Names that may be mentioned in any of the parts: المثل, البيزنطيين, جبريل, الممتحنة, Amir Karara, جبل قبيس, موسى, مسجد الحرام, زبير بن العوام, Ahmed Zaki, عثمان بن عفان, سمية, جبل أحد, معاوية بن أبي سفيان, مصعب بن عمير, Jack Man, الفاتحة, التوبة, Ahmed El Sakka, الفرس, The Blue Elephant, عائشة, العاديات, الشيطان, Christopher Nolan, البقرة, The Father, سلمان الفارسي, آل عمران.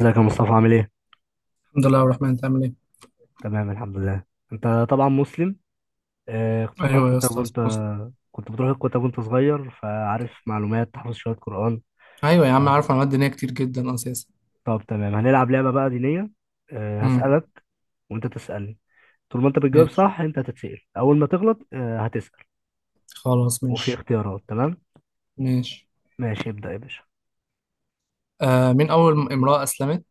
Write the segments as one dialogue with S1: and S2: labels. S1: ازيك يا مصطفى عامل ايه؟
S2: الحمد لله الرحمن، انت عامل ايه؟
S1: تمام، الحمد لله. انت طبعا مسلم. آه، كنت بتروح
S2: ايوه يا
S1: الكتاب
S2: اسطى،
S1: وانت.
S2: بص.
S1: كنت بتروح الكتاب وانت صغير فعارف معلومات، تحفظ شوية قرآن.
S2: ايوه يا عم، عارف معلومات دينيه كتير جدا اساسا.
S1: طب تمام، هنلعب لعبة بقى دينية. آه،
S2: امم
S1: هسألك وانت تسألني. طول ما انت بتجاوب
S2: ماشي،
S1: صح انت هتتسأل، اول ما تغلط هتسأل.
S2: خلاص
S1: وفي
S2: ماشي.
S1: اختيارات تمام؟
S2: ماشي.
S1: ماشي، ابدأ يا باشا.
S2: مين اول امراه اسلمت؟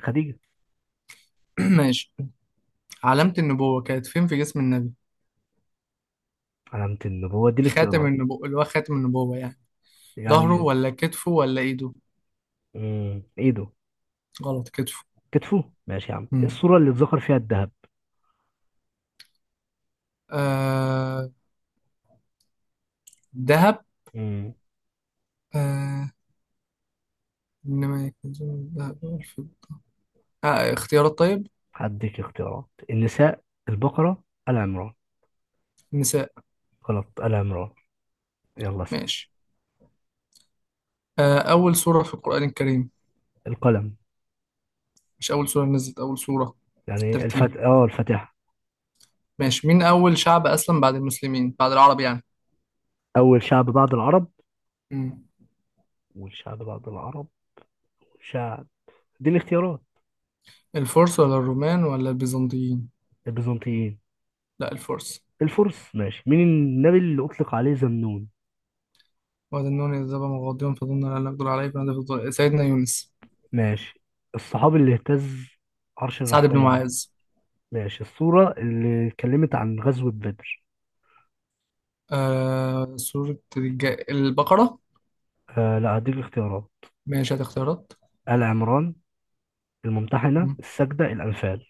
S1: خديجة.
S2: ماشي. علامه النبوه كانت فين في جسم النبي؟
S1: علامة النبوة دي
S2: خاتم
S1: الاختيارات.
S2: النبوه، اللي هو خاتم النبوه يعني، ظهره
S1: يعني.
S2: ولا كتفه ولا ايده؟
S1: مم. ايده.
S2: غلط، كتفه.
S1: كتفه. ماشي يا عم،
S2: امم
S1: الصورة اللي اتذكر فيها الذهب.
S2: آه ذهب.
S1: مم.
S2: آه، انما يكنزون الذهب والفضة. آه اختيارات، طيب.
S1: هديك اختيارات. النساء، البقرة، آل عمران.
S2: نساء.
S1: غلط، آل عمران. يلا اسأل.
S2: ماشي. اول سوره في القران الكريم؟
S1: القلم.
S2: مش اول سوره نزلت، اول سوره
S1: يعني
S2: ترتيب.
S1: الفت اه الفاتحة.
S2: ماشي. مين أول شعب أسلم بعد المسلمين، بعد العرب يعني؟
S1: أول شعب بعد العرب.
S2: مم.
S1: والشعب بعد العرب. شعب. دي الاختيارات.
S2: الفرس ولا الرومان ولا البيزنطيين؟
S1: البيزنطيين.
S2: لا، الفرس.
S1: الفرس. ماشي، مين النبي اللي أطلق عليه ذنون؟
S2: وهذا النون إذ ذهب مغاضبا فظن أن لا نقدر عليه فنادى في الظل- سيدنا يونس.
S1: ماشي. الصحابي اللي اهتز عرش
S2: سعد بن
S1: الرحمن
S2: معاذ.
S1: ماشي، السورة اللي اتكلمت عن غزوة بدر.
S2: آه سورة البقرة.
S1: آه لا، هديك اختيارات.
S2: ماشي، هات اختيارات.
S1: آل عمران، الممتحنة،
S2: مم.
S1: السجدة، الأنفال.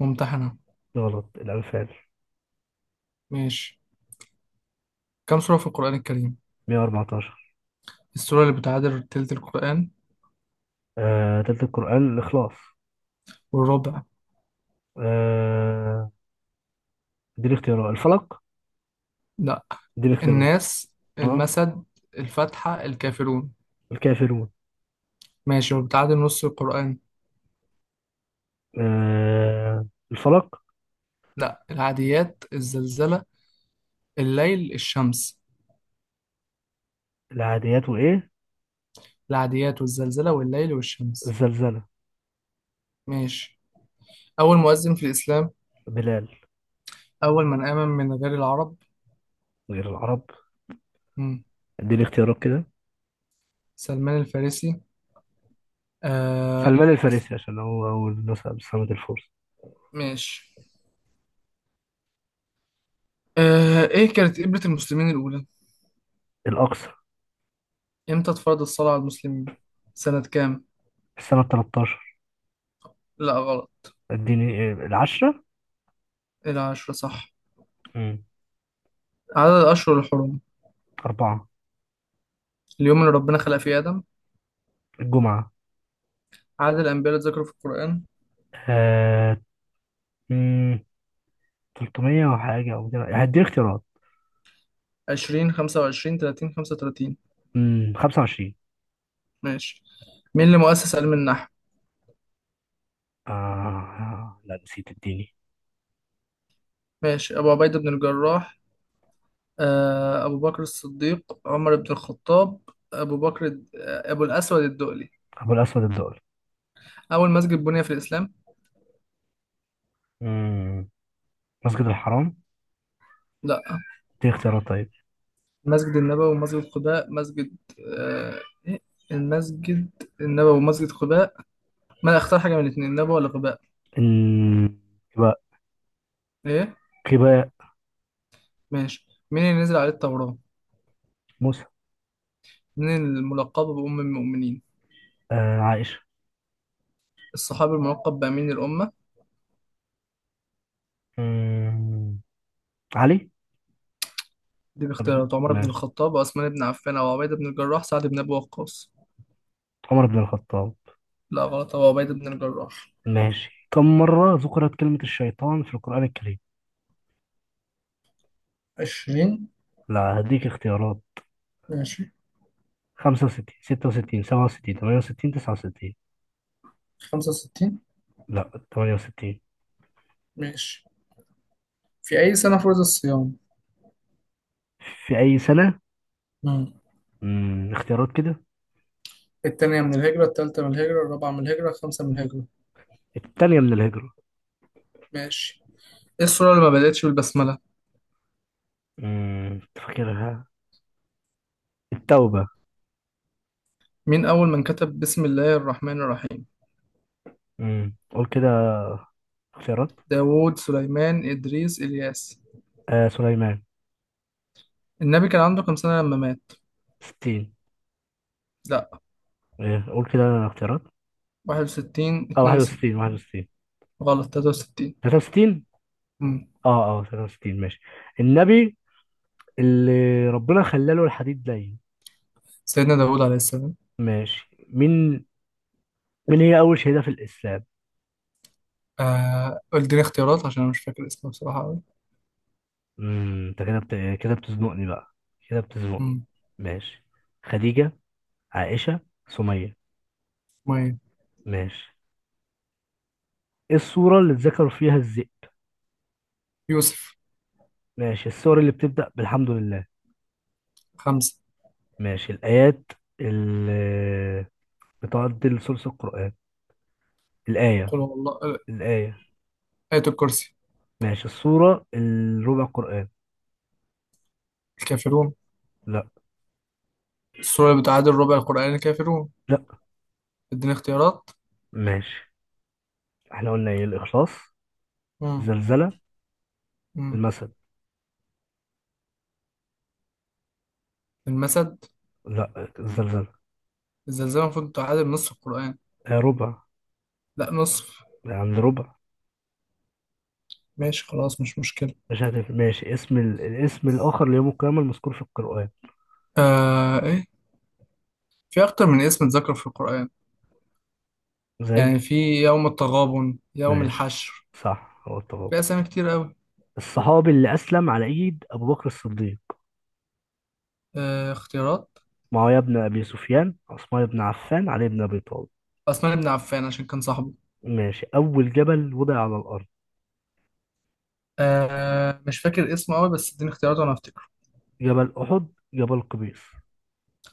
S2: ممتحنة.
S1: غلط، الأنفال.
S2: ماشي. كم سورة في القرآن الكريم؟
S1: 114.
S2: السورة اللي بتعادل تلت القرآن؟
S1: آه، تلت القرآن الإخلاص.
S2: والربع؟
S1: آه. دي الاختيارات. الفلق.
S2: لا،
S1: دي الاختيارات.
S2: الناس
S1: اه.
S2: المسد، الفاتحة الكافرون.
S1: الكافرون.
S2: ماشي، وبتعادل نص القرآن؟
S1: آه. الفلق.
S2: لا، العاديات، الزلزلة، الليل، الشمس.
S1: العاديات وإيه؟
S2: العاديات والزلزلة والليل والشمس.
S1: الزلزلة.
S2: ماشي. أول مؤذن في الإسلام؟
S1: بلال.
S2: أول من آمن من غير العرب؟
S1: غير العرب.
S2: مم.
S1: دي الاختيارات كده.
S2: سلمان الفارسي. آه.
S1: سلمان
S2: أس-
S1: الفارسي، عشان هو أول نسأ بسنة الفرس.
S2: ماشي. إيه كانت قبلة المسلمين الأولى؟
S1: الأقصى.
S2: إمتى اتفرض الصلاة على المسلمين؟ سنة كام؟
S1: السنة 13.
S2: لا غلط.
S1: اديني العشرة.
S2: إيه العشرة صح.
S1: مم.
S2: عدد الأشهر الحرم؟
S1: أربعة.
S2: اليوم اللي ربنا خلق فيه آدم؟
S1: الجمعة.
S2: عدد الأنبياء اللي اتذكروا في القرآن؟
S1: آه. مم، 300 وحاجة أو كده، هدي اختيارات.
S2: 20، 25، 30، 35.
S1: 25.
S2: ماشي. مين اللي مؤسس علم النحو؟
S1: لا، نسيت اديني.
S2: ماشي، أبو عبيدة بن الجراح، أبو بكر الصديق، عمر بن الخطاب، أبو بكر أبو الأسود الدؤلي.
S1: ابو الاسود الدؤلي.
S2: أول مسجد بني في الإسلام؟
S1: امم مسجد الحرام.
S2: لا.
S1: دي اختيارات طيب.
S2: مسجد النبوي ومسجد قباء، مسجد، آه، إيه المسجد النبوي ومسجد قباء. ما اختار حاجة من الاتنين، النبوي ولا قباء؟
S1: إن- يبقى
S2: إيه؟
S1: يبقى.
S2: ماشي. مين اللي نزل عليه التوراة؟
S1: موسى.
S2: مين الملقب بأم المؤمنين؟
S1: آه، عائشة.
S2: الصحابي الملقب بأمين الأمة؟
S1: امم علي.
S2: دي
S1: طب
S2: باختيارات: عمر بن
S1: ماشي،
S2: الخطاب، عثمان بن عفان، أو عبيدة بن الجراح، سعد بن أبي وقاص.
S1: عمر بن الخطاب.
S2: لا غلط، هو عبيدة بن الجراح.
S1: ماشي، كم مرة ذكرت كلمة الشيطان في القرآن الكريم؟
S2: 20.
S1: لا، هديك اختيارات.
S2: ماشي،
S1: 65، 66، 67، 68، 69.
S2: 65.
S1: لا، 68.
S2: ماشي. في أي سنة فرض الصيام؟
S1: في أي سنة؟
S2: مم.
S1: مم. اختيارات كده.
S2: التانية من الهجرة، التالتة من الهجرة، الرابعة من الهجرة، الخامسة من الهجرة.
S1: التانية من الهجرة.
S2: ماشي. إيه السورة اللي ما بدأتش بالبسملة؟
S1: تفكرها. التوبة.
S2: مين أول من كتب بسم الله الرحمن الرحيم؟
S1: قول كده اختيارات.
S2: داوود، سليمان، إدريس، إلياس.
S1: آه، سليمان.
S2: النبي كان عنده كام سنة لما مات؟
S1: 60.
S2: لا.
S1: آه، قول كده اختيارات.
S2: 61،
S1: اه
S2: 62.
S1: 61.
S2: غلط، 63.
S1: 63.
S2: مم.
S1: اه 63. ماشي. النبي اللي ربنا خلاله الحديد لين.
S2: سيدنا داوود عليه السلام.
S1: ماشي مين. مين هي أول شهيدة في الإسلام؟
S2: آه قول لي اختيارات، عشان انا مش فاكر اسمه بصراحة قوي.
S1: انت كده بتزنقني بقى. كده بتزنقني.
S2: امم
S1: ماشي. خديجة، عائشة، سمية.
S2: 100.
S1: ماشي. ايه السورة اللي اتذكر فيها الذئب؟
S2: يوسف.
S1: ماشي، السور اللي بتبدأ بالحمد لله.
S2: خمسة.
S1: ماشي، الآيات اللي بتعدل ثلث القرآن. الآية.
S2: قل هو الله،
S1: الآية.
S2: آية الكرسي.
S1: ماشي، السورة الربع قرآن.
S2: الكافرون.
S1: لا.
S2: السورة اللي بتعادل ربع القرآن، الكافرون.
S1: لا.
S2: اديني اختيارات.
S1: ماشي، احنا قلنا ايه؟ الإخلاص.
S2: امم
S1: زلزلة.
S2: امم
S1: المثل.
S2: المسد.
S1: لا، الزلزلة.
S2: الزلزال المفروض تعادل نصف القرآن.
S1: آه، ربع.
S2: لا، نصف.
S1: عند ربع.
S2: ماشي، خلاص مش مشكلة.
S1: مش هتفرق. ماشي، اسم الاسم الآخر ليوم القيامة المذكور في القرآن.
S2: آه ايه في اكتر من اسم اتذكر في القرآن.
S1: زي.
S2: يعني في يوم التغابن، يوم
S1: ماشي،
S2: الحشر.
S1: صح هو التغابن.
S2: في اسامي كتير قوي.
S1: الصحابي اللي أسلم على إيد أبو بكر الصديق.
S2: اختيارات.
S1: معاوية بن أبي سفيان، عثمان بن عفان، علي بن أبي طالب.
S2: عثمان بن عفان عشان كان صاحبه.
S1: ماشي، أول جبل وضع على الأرض.
S2: آه مش فاكر اسمه قوي، بس اديني اختيارات وانا افتكره.
S1: جبل أحد، جبل قبيس.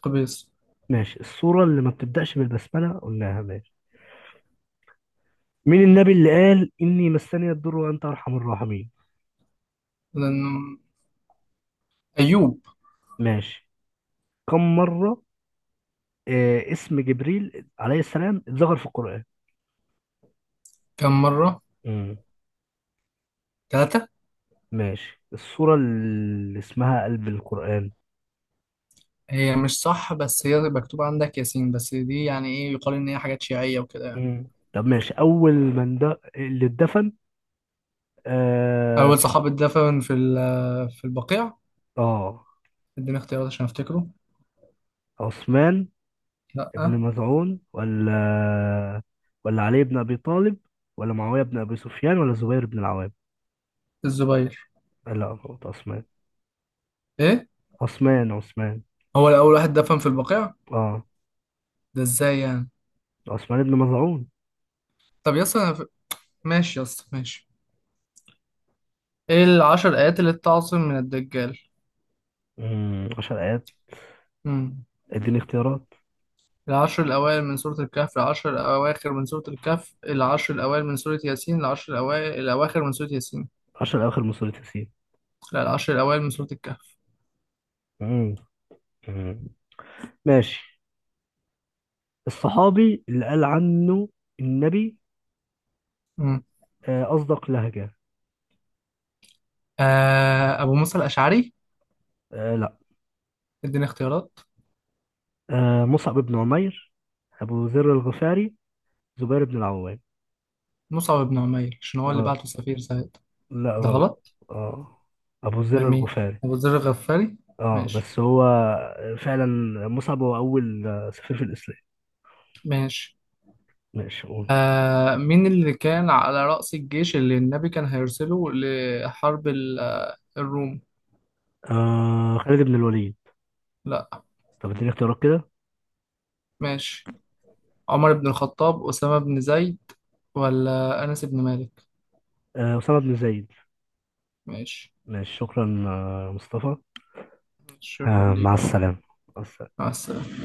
S2: قبيس.
S1: ماشي، السورة اللي ما بتبدأش بالبسملة قلناها. ماشي، مين النبي اللي قال إني مسني الضر وأنت أرحم الراحمين؟
S2: لانه ايوب.
S1: ماشي. كم مرة اسم جبريل عليه السلام اتذكر في القرآن؟
S2: كم مره؟
S1: مم.
S2: 3.
S1: ماشي، السورة اللي اسمها قلب القرآن.
S2: هي مش صح، بس هي مكتوب عندك ياسين، بس دي يعني ايه، يقال ان هي حاجات شيعيه وكده يعني.
S1: مم. طب ماشي، أول من ده اللي اتدفن. آه،
S2: اول صحابي اتدفن في البقيع.
S1: آه.
S2: اديني اختيارات عشان افتكره.
S1: عثمان ابن
S2: لا،
S1: مزعون ولا علي بن أبي طالب ولا معاوية بن أبي سفيان ولا زبير بن العوام.
S2: الزبير.
S1: لا غلط، عثمان.
S2: ايه؟
S1: عثمان، عثمان.
S2: هو الاول واحد دفن في البقيع؟
S1: اه،
S2: ده ازاي يعني؟
S1: عثمان بن مظعون.
S2: طب يس، أنا ماشي يس، ماشي. ايه العشر ايات اللي بتعصم من الدجال؟
S1: 10 آيات. اديني اختيارات.
S2: العشر الأوائل من سورة الكهف، العشر الأواخر من سورة الكهف، العشر الأوائل من سورة ياسين، العشر الأوائل الأواخر من سورة ياسين.
S1: 10 أواخر من سورة ياسين.
S2: لا، العشر الأوائل من سورة الكهف.
S1: امم. أمم. ماشي، الصحابي اللي قال عنه النبي
S2: مم.
S1: أصدق لهجة.
S2: أبو موسى الأشعري.
S1: آه لا.
S2: اديني اختيارات.
S1: آه، مصعب بن عمير، أبو ذر الغفاري، زبير بن العوام.
S2: مصعب بن عمير عشان هو اللي
S1: آه
S2: بعته سفير سعيد.
S1: لا
S2: ده
S1: غلط.
S2: غلط.
S1: آه، أبو
S2: من
S1: ذر
S2: مين؟
S1: الغفاري.
S2: أبو ذر الغفاري.
S1: آه
S2: ماشي.
S1: بس هو فعلا. مصعب هو أول سفير في الإسلام.
S2: ماشي.
S1: ماشي قول.
S2: مين اللي كان على رأس الجيش اللي النبي كان هيرسله لحرب الروم؟
S1: آه، خالد بن الوليد.
S2: لا.
S1: طب اديني اختيارات كده.
S2: ماشي. عمر بن الخطاب، أسامة بن زيد، ولا أنس بن مالك؟
S1: آه، أسامة بن زيد.
S2: ماشي.
S1: ماشي شكرا مصطفى.
S2: شكرا ليك.
S1: مع السلامة.
S2: مع السلامة.